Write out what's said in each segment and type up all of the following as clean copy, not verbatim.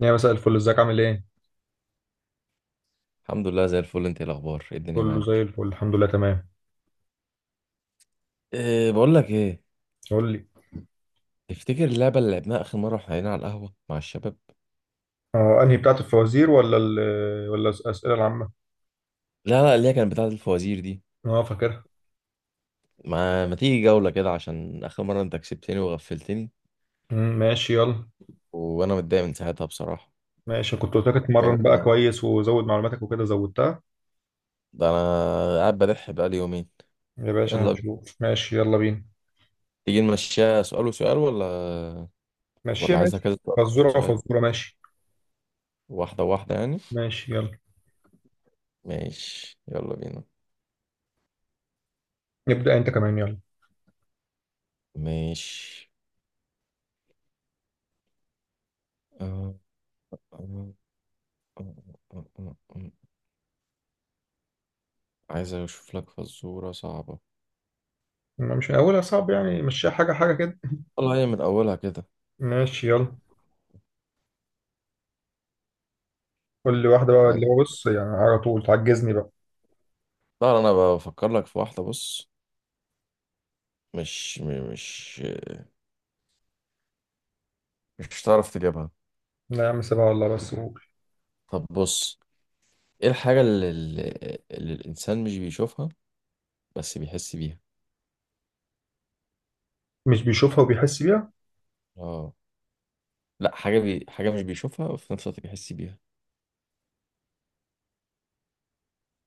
يا مساء الفل، ازيك عامل ايه؟ الحمد لله زي الفل، انت ايه الاخبار؟ ايه الدنيا كله زي معاك؟ الفل، الحمد لله تمام. إيه بقول لك ايه. قول لي. تفتكر اللعبه اللي لعبناها اخر مره واحنا قاعدين على القهوه مع الشباب؟ اه، انهي بتاعت الفوازير ولا ولا الأسئلة العامة؟ لا لا، اللي هي كانت بتاعه الفوازير دي. اه فاكرها. ما تيجي جوله كده عشان اخر مره انت كسبتني وغفلتني، ماشي يلا. وانا متضايق من ساعتها بصراحه. ماشي، كنت قلت لك جوله اتمرن بقى كمان. كويس وزود معلوماتك وكده زودتها. ده انا قاعد بدح بقالي يومين. يا باشا يلا بينا. هنشوف، ماشي يلا بينا. تيجي نمشيها سؤال وسؤال ولا؟ ماشي ولا عايزها ماشي، كذا سؤال وكذا فزورة سؤال؟ فزورة، ماشي. واحده واحده يعني. ماشي يلا. ماشي يلا بينا. نبدأ انت كمان، يلا. ماشي. آه، آه، آه، آه، آه، آه، آه. عايز اشوف لك فزورة صعبة. ما مش من اولها صعب يعني، مشيها حاجة حاجة كده. والله هي من اولها كده. ماشي يلا. قول لي واحدة بقى، يعني اللي هو بص يعني على طول تعجزني بقى. طبعا انا بفكر لك في واحدة، بص. مش م- مش مش هتعرف تجيبها. لا يا عم سيبها والله، بس قول. طب بص، ايه الحاجة اللي الانسان مش بيشوفها بس بيحس بيها؟ مش بيشوفها وبيحس بيها. اه. لا، حاجة مش بيشوفها وفي نفس الوقت بيحس بيها.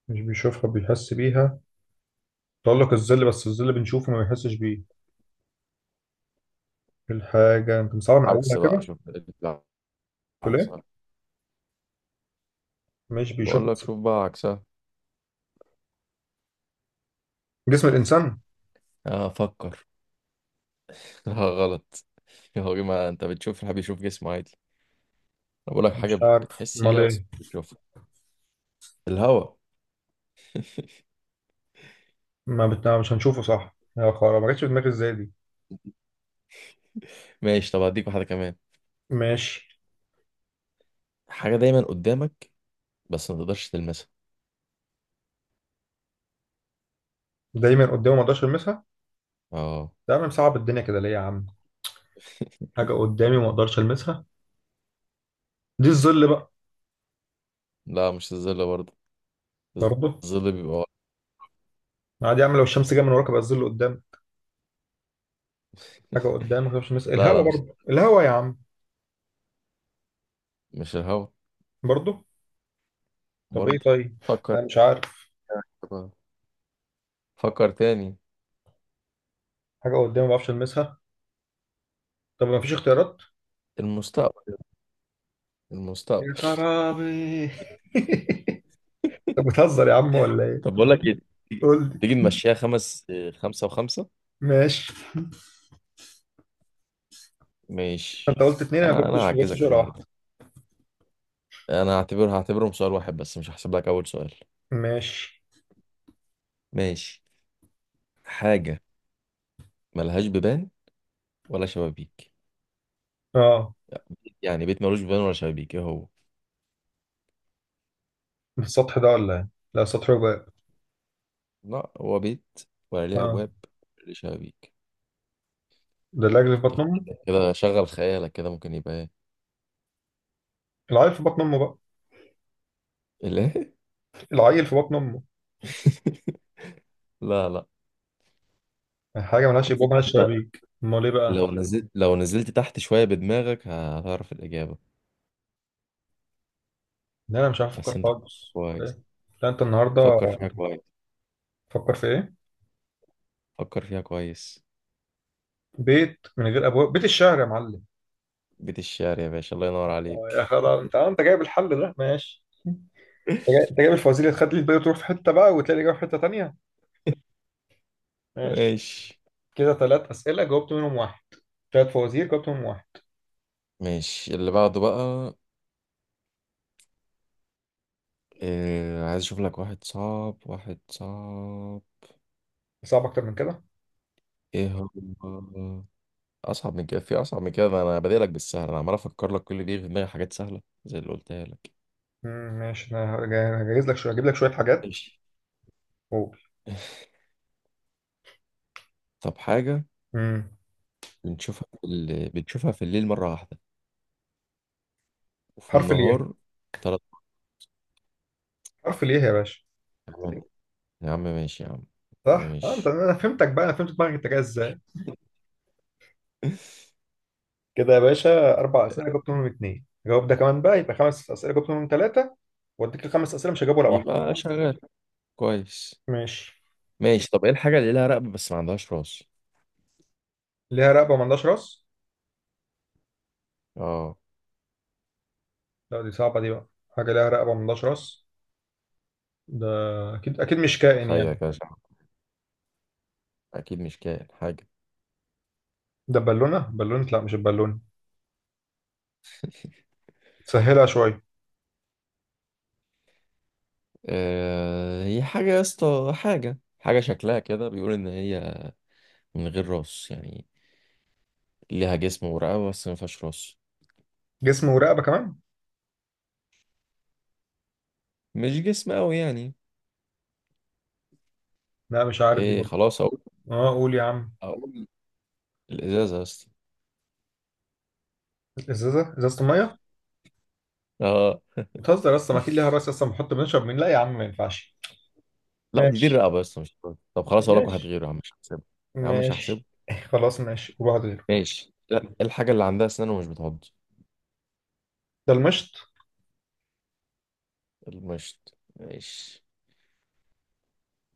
مش بيشوفها بيحس بيها. تقول لك الظل، بس الظل بنشوفه ما بيحسش بيه. الحاجة انت مصعبة من عكس أولها بقى، كده. شوف. لا، تقول عكس. إيه؟ مش بيشوف. بقول لك شوف بقى عكسها. جسم الإنسان. اه فكر. لا غلط. هو ما انت بتشوف الحاجة بيشوف جسمه عادي. انا بقول لك مش حاجة عارف بتحس أمال بيها بس إيه. بتشوفها. الهوا. ما بتنا... مش هنشوفه، صح يا خرا، ما جاتش في دماغي إزاي دي. ماشي، طب هديك واحدة كمان. ماشي. حاجة دايما قدامك بس ما تقدرش تلمسها. دايما قدامي ما أقدرش ألمسها. اه. ده أنا مصعب الدنيا كده ليه يا عم. حاجة قدامي ما أقدرش ألمسها. دي الظل بقى. لا مش الظل برضه. برضه. الظل بيبقى ورا. عادي أعمل لو الشمس جاية من وراك بقى الظل قدام. حاجة قدام ما أقدرش ألمسها، لا الهوا لا، مش برضه، الهوا يا عم. مش الهوا برضه. طب إيه برضه. طيب. فكر. أنا مش عارف. فكر تاني. حاجة قدامي ما بعرفش ألمسها. طب ما فيش اختيارات. المستقبل. يا المستقبل. خرابي. طب بتهزر يا عم ولا ايه. طب بقول لك ايه. تيجي. قول تيجي لي. نمشيها خمس. خمسة وخمسة. ماشي. ماشي. انت قلت اتنين، انا ما انا جبتش ما جبتش هعجزك ولا النهارده. واحده. انا هعتبرهم سؤال واحد بس مش هحسب لك اول سؤال. ماشي. ماشي. حاجة ملهاش بيبان ولا شبابيك. اه. يعني بيت ملوش بيبان ولا شبابيك، ايه هو؟ السطح ده ولا ايه. لا سطح وباب. لا هو بيت. ولا ليه اه. ابواب. ولا ليه شبابيك. ده العجل في بطن أنت، امه. كده شغل خيالك، كده ممكن يبقى ايه؟ العيل في بطن امه بقى. الايه؟ العيل في بطن امه. لا لا. حاجه على ملهاش ابواب فكرة ملهاش انت، شبابيك، امال ايه بقى. لو نزلت تحت شوية بدماغك هتعرف الإجابة. لا انا مش عارف بس افكر انت فكر خالص، كويس. إيه؟ لا انت النهارده. فكر فيها كويس. فكر في ايه. فكر فيها كويس. بيت من غير ابواب، بيت الشعر يا معلم. بيت الشعر يا باشا، الله ينور عليك. يا خرابي، انت جايب الحل ده، ماشي. انت جايب الفوازير اللي تخلي الباقي تروح في حته بقى وتلاقي الاجابه في حته تانيه. ماشي. ماشي. كده ثلاث اسئله جاوبت منهم واحد. ثلاث فوازير جاوبت منهم واحد. ماشي اللي بعده بقى. إيه عايز اشوف لك واحد صعب، واحد صعب. صعب اكتر من كده. ايه. هو. اصعب من كده؟ في اصعب من كده؟ ما انا بديلك بالسهل، انا عمال افكر لك كل دي في دماغي حاجات سهله زي اللي قلتها لك. ماشي. انا هجهز لك شويه، هجيب لك شويه حاجات. ماشي. قول. طب حاجه مم. بنشوفها في الليل مره واحده وفي حرف الياء. النهار ثلاث حرف الياء يا باشا. مرات. يا عم ماشي يا عم. يا عم صح. انت، ماشي. انا فهمتك بقى، انا فهمت دماغك انت جاي ازاي. كده يا باشا اربع اسئله جاوبت منهم اتنين، جاوب ده كمان بقى يبقى خمس اسئله جاوبت منهم ثلاثه. واديك الخمس اسئله مش هجاوب ولا واحده. يبقى شغال. كويس. ماشي. ماشي، طب ايه الحاجه اللي لها رقبه بس ما عندهاش راس؟ ليها رقبه ملهاش راس. اه، لا دي صعبه دي بقى. حاجه ليها رقبه ملهاش راس. ده. اكيد اكيد مش كائن يعني. تخيل كده شعر. اكيد مش كائن حاجه. ده بالونه، بالونه لا مش البالونه. سهلها شويه. هي حاجه يا اسطى، حاجه شكلها كده بيقول ان هي من غير راس يعني. ليها جسم ورقبة بس ما فيهاش راس. جسم ورقبه كمان. مش جسم قوي يعني. لا مش عارف دي ايه برضه. خلاص اقول. اه قول يا عم. اقول الازازة بس. ازازه، ازازه الميه. اه. بتهزر اصلا، ما اكيد ليها راس اصلا، بنحط بنشرب من، لا يا عم ما ينفعش. لا، دي ماشي الرقبة بس مش راس. طب خلاص اقول لك واحد ماشي غيره يا عم مش هحسبه. يا عم مش هحسبه. ماشي. خلاص ماشي وبعد غيره. ماشي. لا، إيه الحاجة اللي عندها اسنان ومش بتعض؟ ده المشط. المشط، ماشي.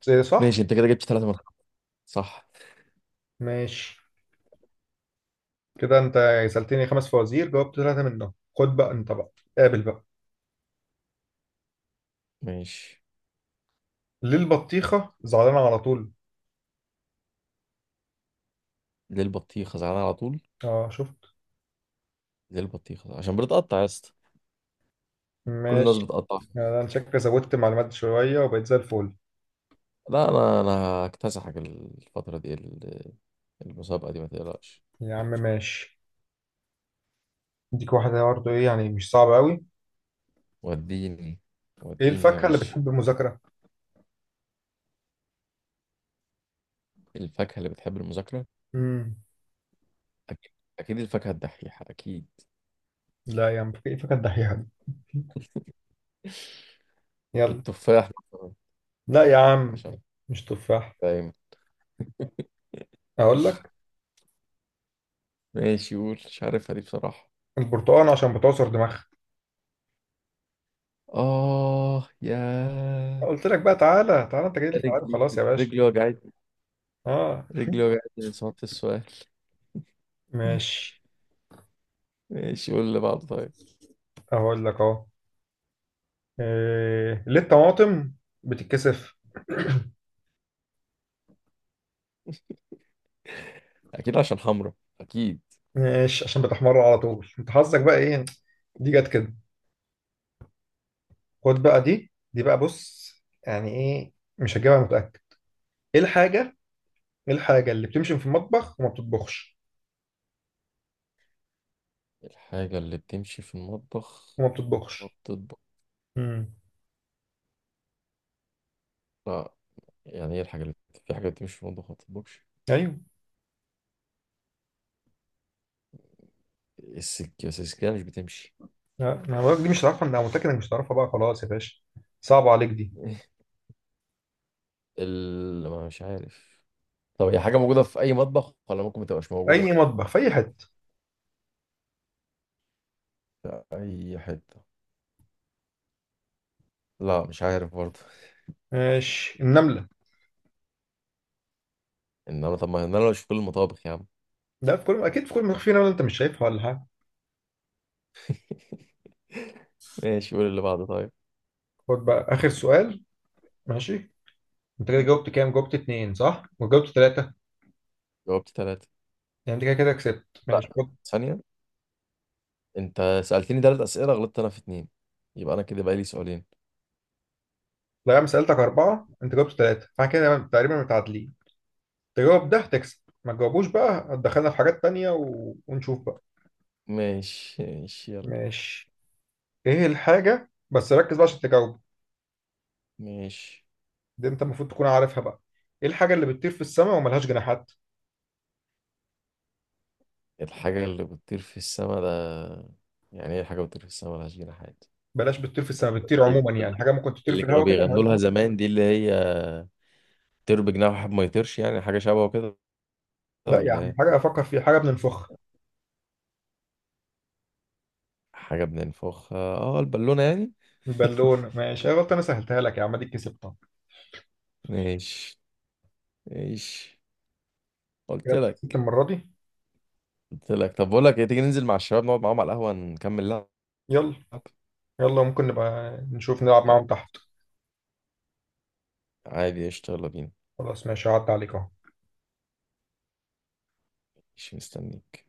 زي صح. ماشي، انت كده جبت ثلاثة من خمسة، صح. ماشي. كده انت سالتني خمس فوازير جاوبت ثلاثه منهم. خد بقى انت بقى. قابل بقى. ماشي. ليه البطيخه زعلانه على طول. ليه البطيخة زعلان على طول؟ اه شفت. ليه البطيخة؟ عشان بتقطع يا اسطى. كل الناس ماشي. بتقطع فيها. يعني انا شكلي زودت معلومات شويه وبقيت زي الفل. لا، انا هكتسحك الفترة دي المسابقة دي ما تقلقش. يا عم ماشي. اديك واحده برضه، ايه يعني مش صعبه قوي. وديني. ايه وديني يا الفاكهه اللي باشا. بتحب المذاكره. الفاكهة اللي بتحب المذاكرة. امم أكيد. أكيد الفاكهة الدحيحة أكيد. لا يا عم، ايه الفاكهه الدحيحه دي. يلا. التفاح مثلا، لا يا عم عشان مش تفاح. دايما. اقول لك. ماشي قول، مش عارفها دي بصراحة. البرتقال عشان بتعصر دماغها. آه يا. قلت لك بقى، تعالى تعالى، انت جاي لي في ميعاد، رجلي. خلاص يا باشا. رجلي وجعتني. اه. رجلي وجعتني من صوت السؤال. ماشي. ماشي قول اللي بعده طيب. اقول لك اهو. إيه ليه الطماطم بتتكسف. أكيد عشان حمرا. أكيد. ماشي عشان بتحمر على طول، انت حظك بقى ايه. دي جت كده. خد بقى، دي بقى بص. يعني ايه مش هجيبها، متأكد. ايه الحاجة. ايه الحاجة اللي بتمشي في المطبخ وما بتطبخش. الحاجة اللي بتمشي في المطبخ وما ما بتطبخش. بتطبخ. امم لا. يعني إيه الحاجة اللي، في حاجة بتمشي في المطبخ ما بتطبخش؟ ايوه. السكة؟ بس السكة مش بتمشي. لا، ما بقولك دي مش هتعرفها، انا متأكد انك مش هتعرفها بقى، خلاص يا باشا. صعبة عليك دي. ايه ما مش عارف. طب هي حاجة موجودة في أي مطبخ ولا ممكن ما تبقاش موجودة؟ اي مطبخ في اي حتة. في أي حتة. لا مش عارف برضه. ماشي، النملة. إنما طب، ما إن أنا مش في كل المطابخ يا عم. لا في كل، اكيد في كل مطبخ في نملة، انت مش شايفها ولا حاجة. ماشي قول اللي بعده طيب. خد بقى اخر سؤال. ماشي. انت كده جاوبت كام، جاوبت اتنين صح وجاوبت ثلاثة. جاوبت ثلاثة. يعني انت كده كسبت، لا، ماشي خد. ثانية. أنت سألتني ثلاث أسئلة، غلطت أنا في اتنين. يبقى أنا كده بقى لي سؤالين. لا انا سألتك أربعة، انت جاوبت ثلاثة، فاحنا كده تقريبا متعادلين. تجاوب ده هتكسب. ما تجاوبوش بقى هتدخلنا في حاجات تانية ونشوف بقى. ماشي ماشي يلا. ماشي. ايه الحاجة بس ركز بقى عشان تجاوب. ماشي. دي انت المفروض تكون عارفها بقى. ايه الحاجة اللي بتطير في السماء وملهاش جناحات. الحاجة اللي بتطير في السما ده. يعني إيه، حاجة بتطير في السما ملهاش جناحات؟ بلاش بتطير في السماء، بتطير إيه عموما ده؟ يعني، حاجة ممكن تطير اللي في كانوا الهواء كده بيغنوا ملهاش. لها زمان دي اللي هي، طير بجناح وحب ما يطيرش، يعني حاجة شبه كده لا يا ولا عم، ايه؟ حاجة افكر فيها حاجة بننفخها. حاجة بننفخ، اه البالونة يعني. البالون ماشي، يا غلط انا سهلتها لك يا عم، دي كسبتها. ماشي. ماشي. كده قلت انت كسبت لك. المرة دي. قلت لك طب بقول لك ايه، تيجي ننزل مع الشباب نقعد معاهم على القهوة نكمل لعب. يلا. يلا، ممكن نبقى نشوف نلعب آه. معاهم تحت. عادي قشطة، يلا بينا. خلاص ماشي، عدى عليك اهو. مش مستنيك.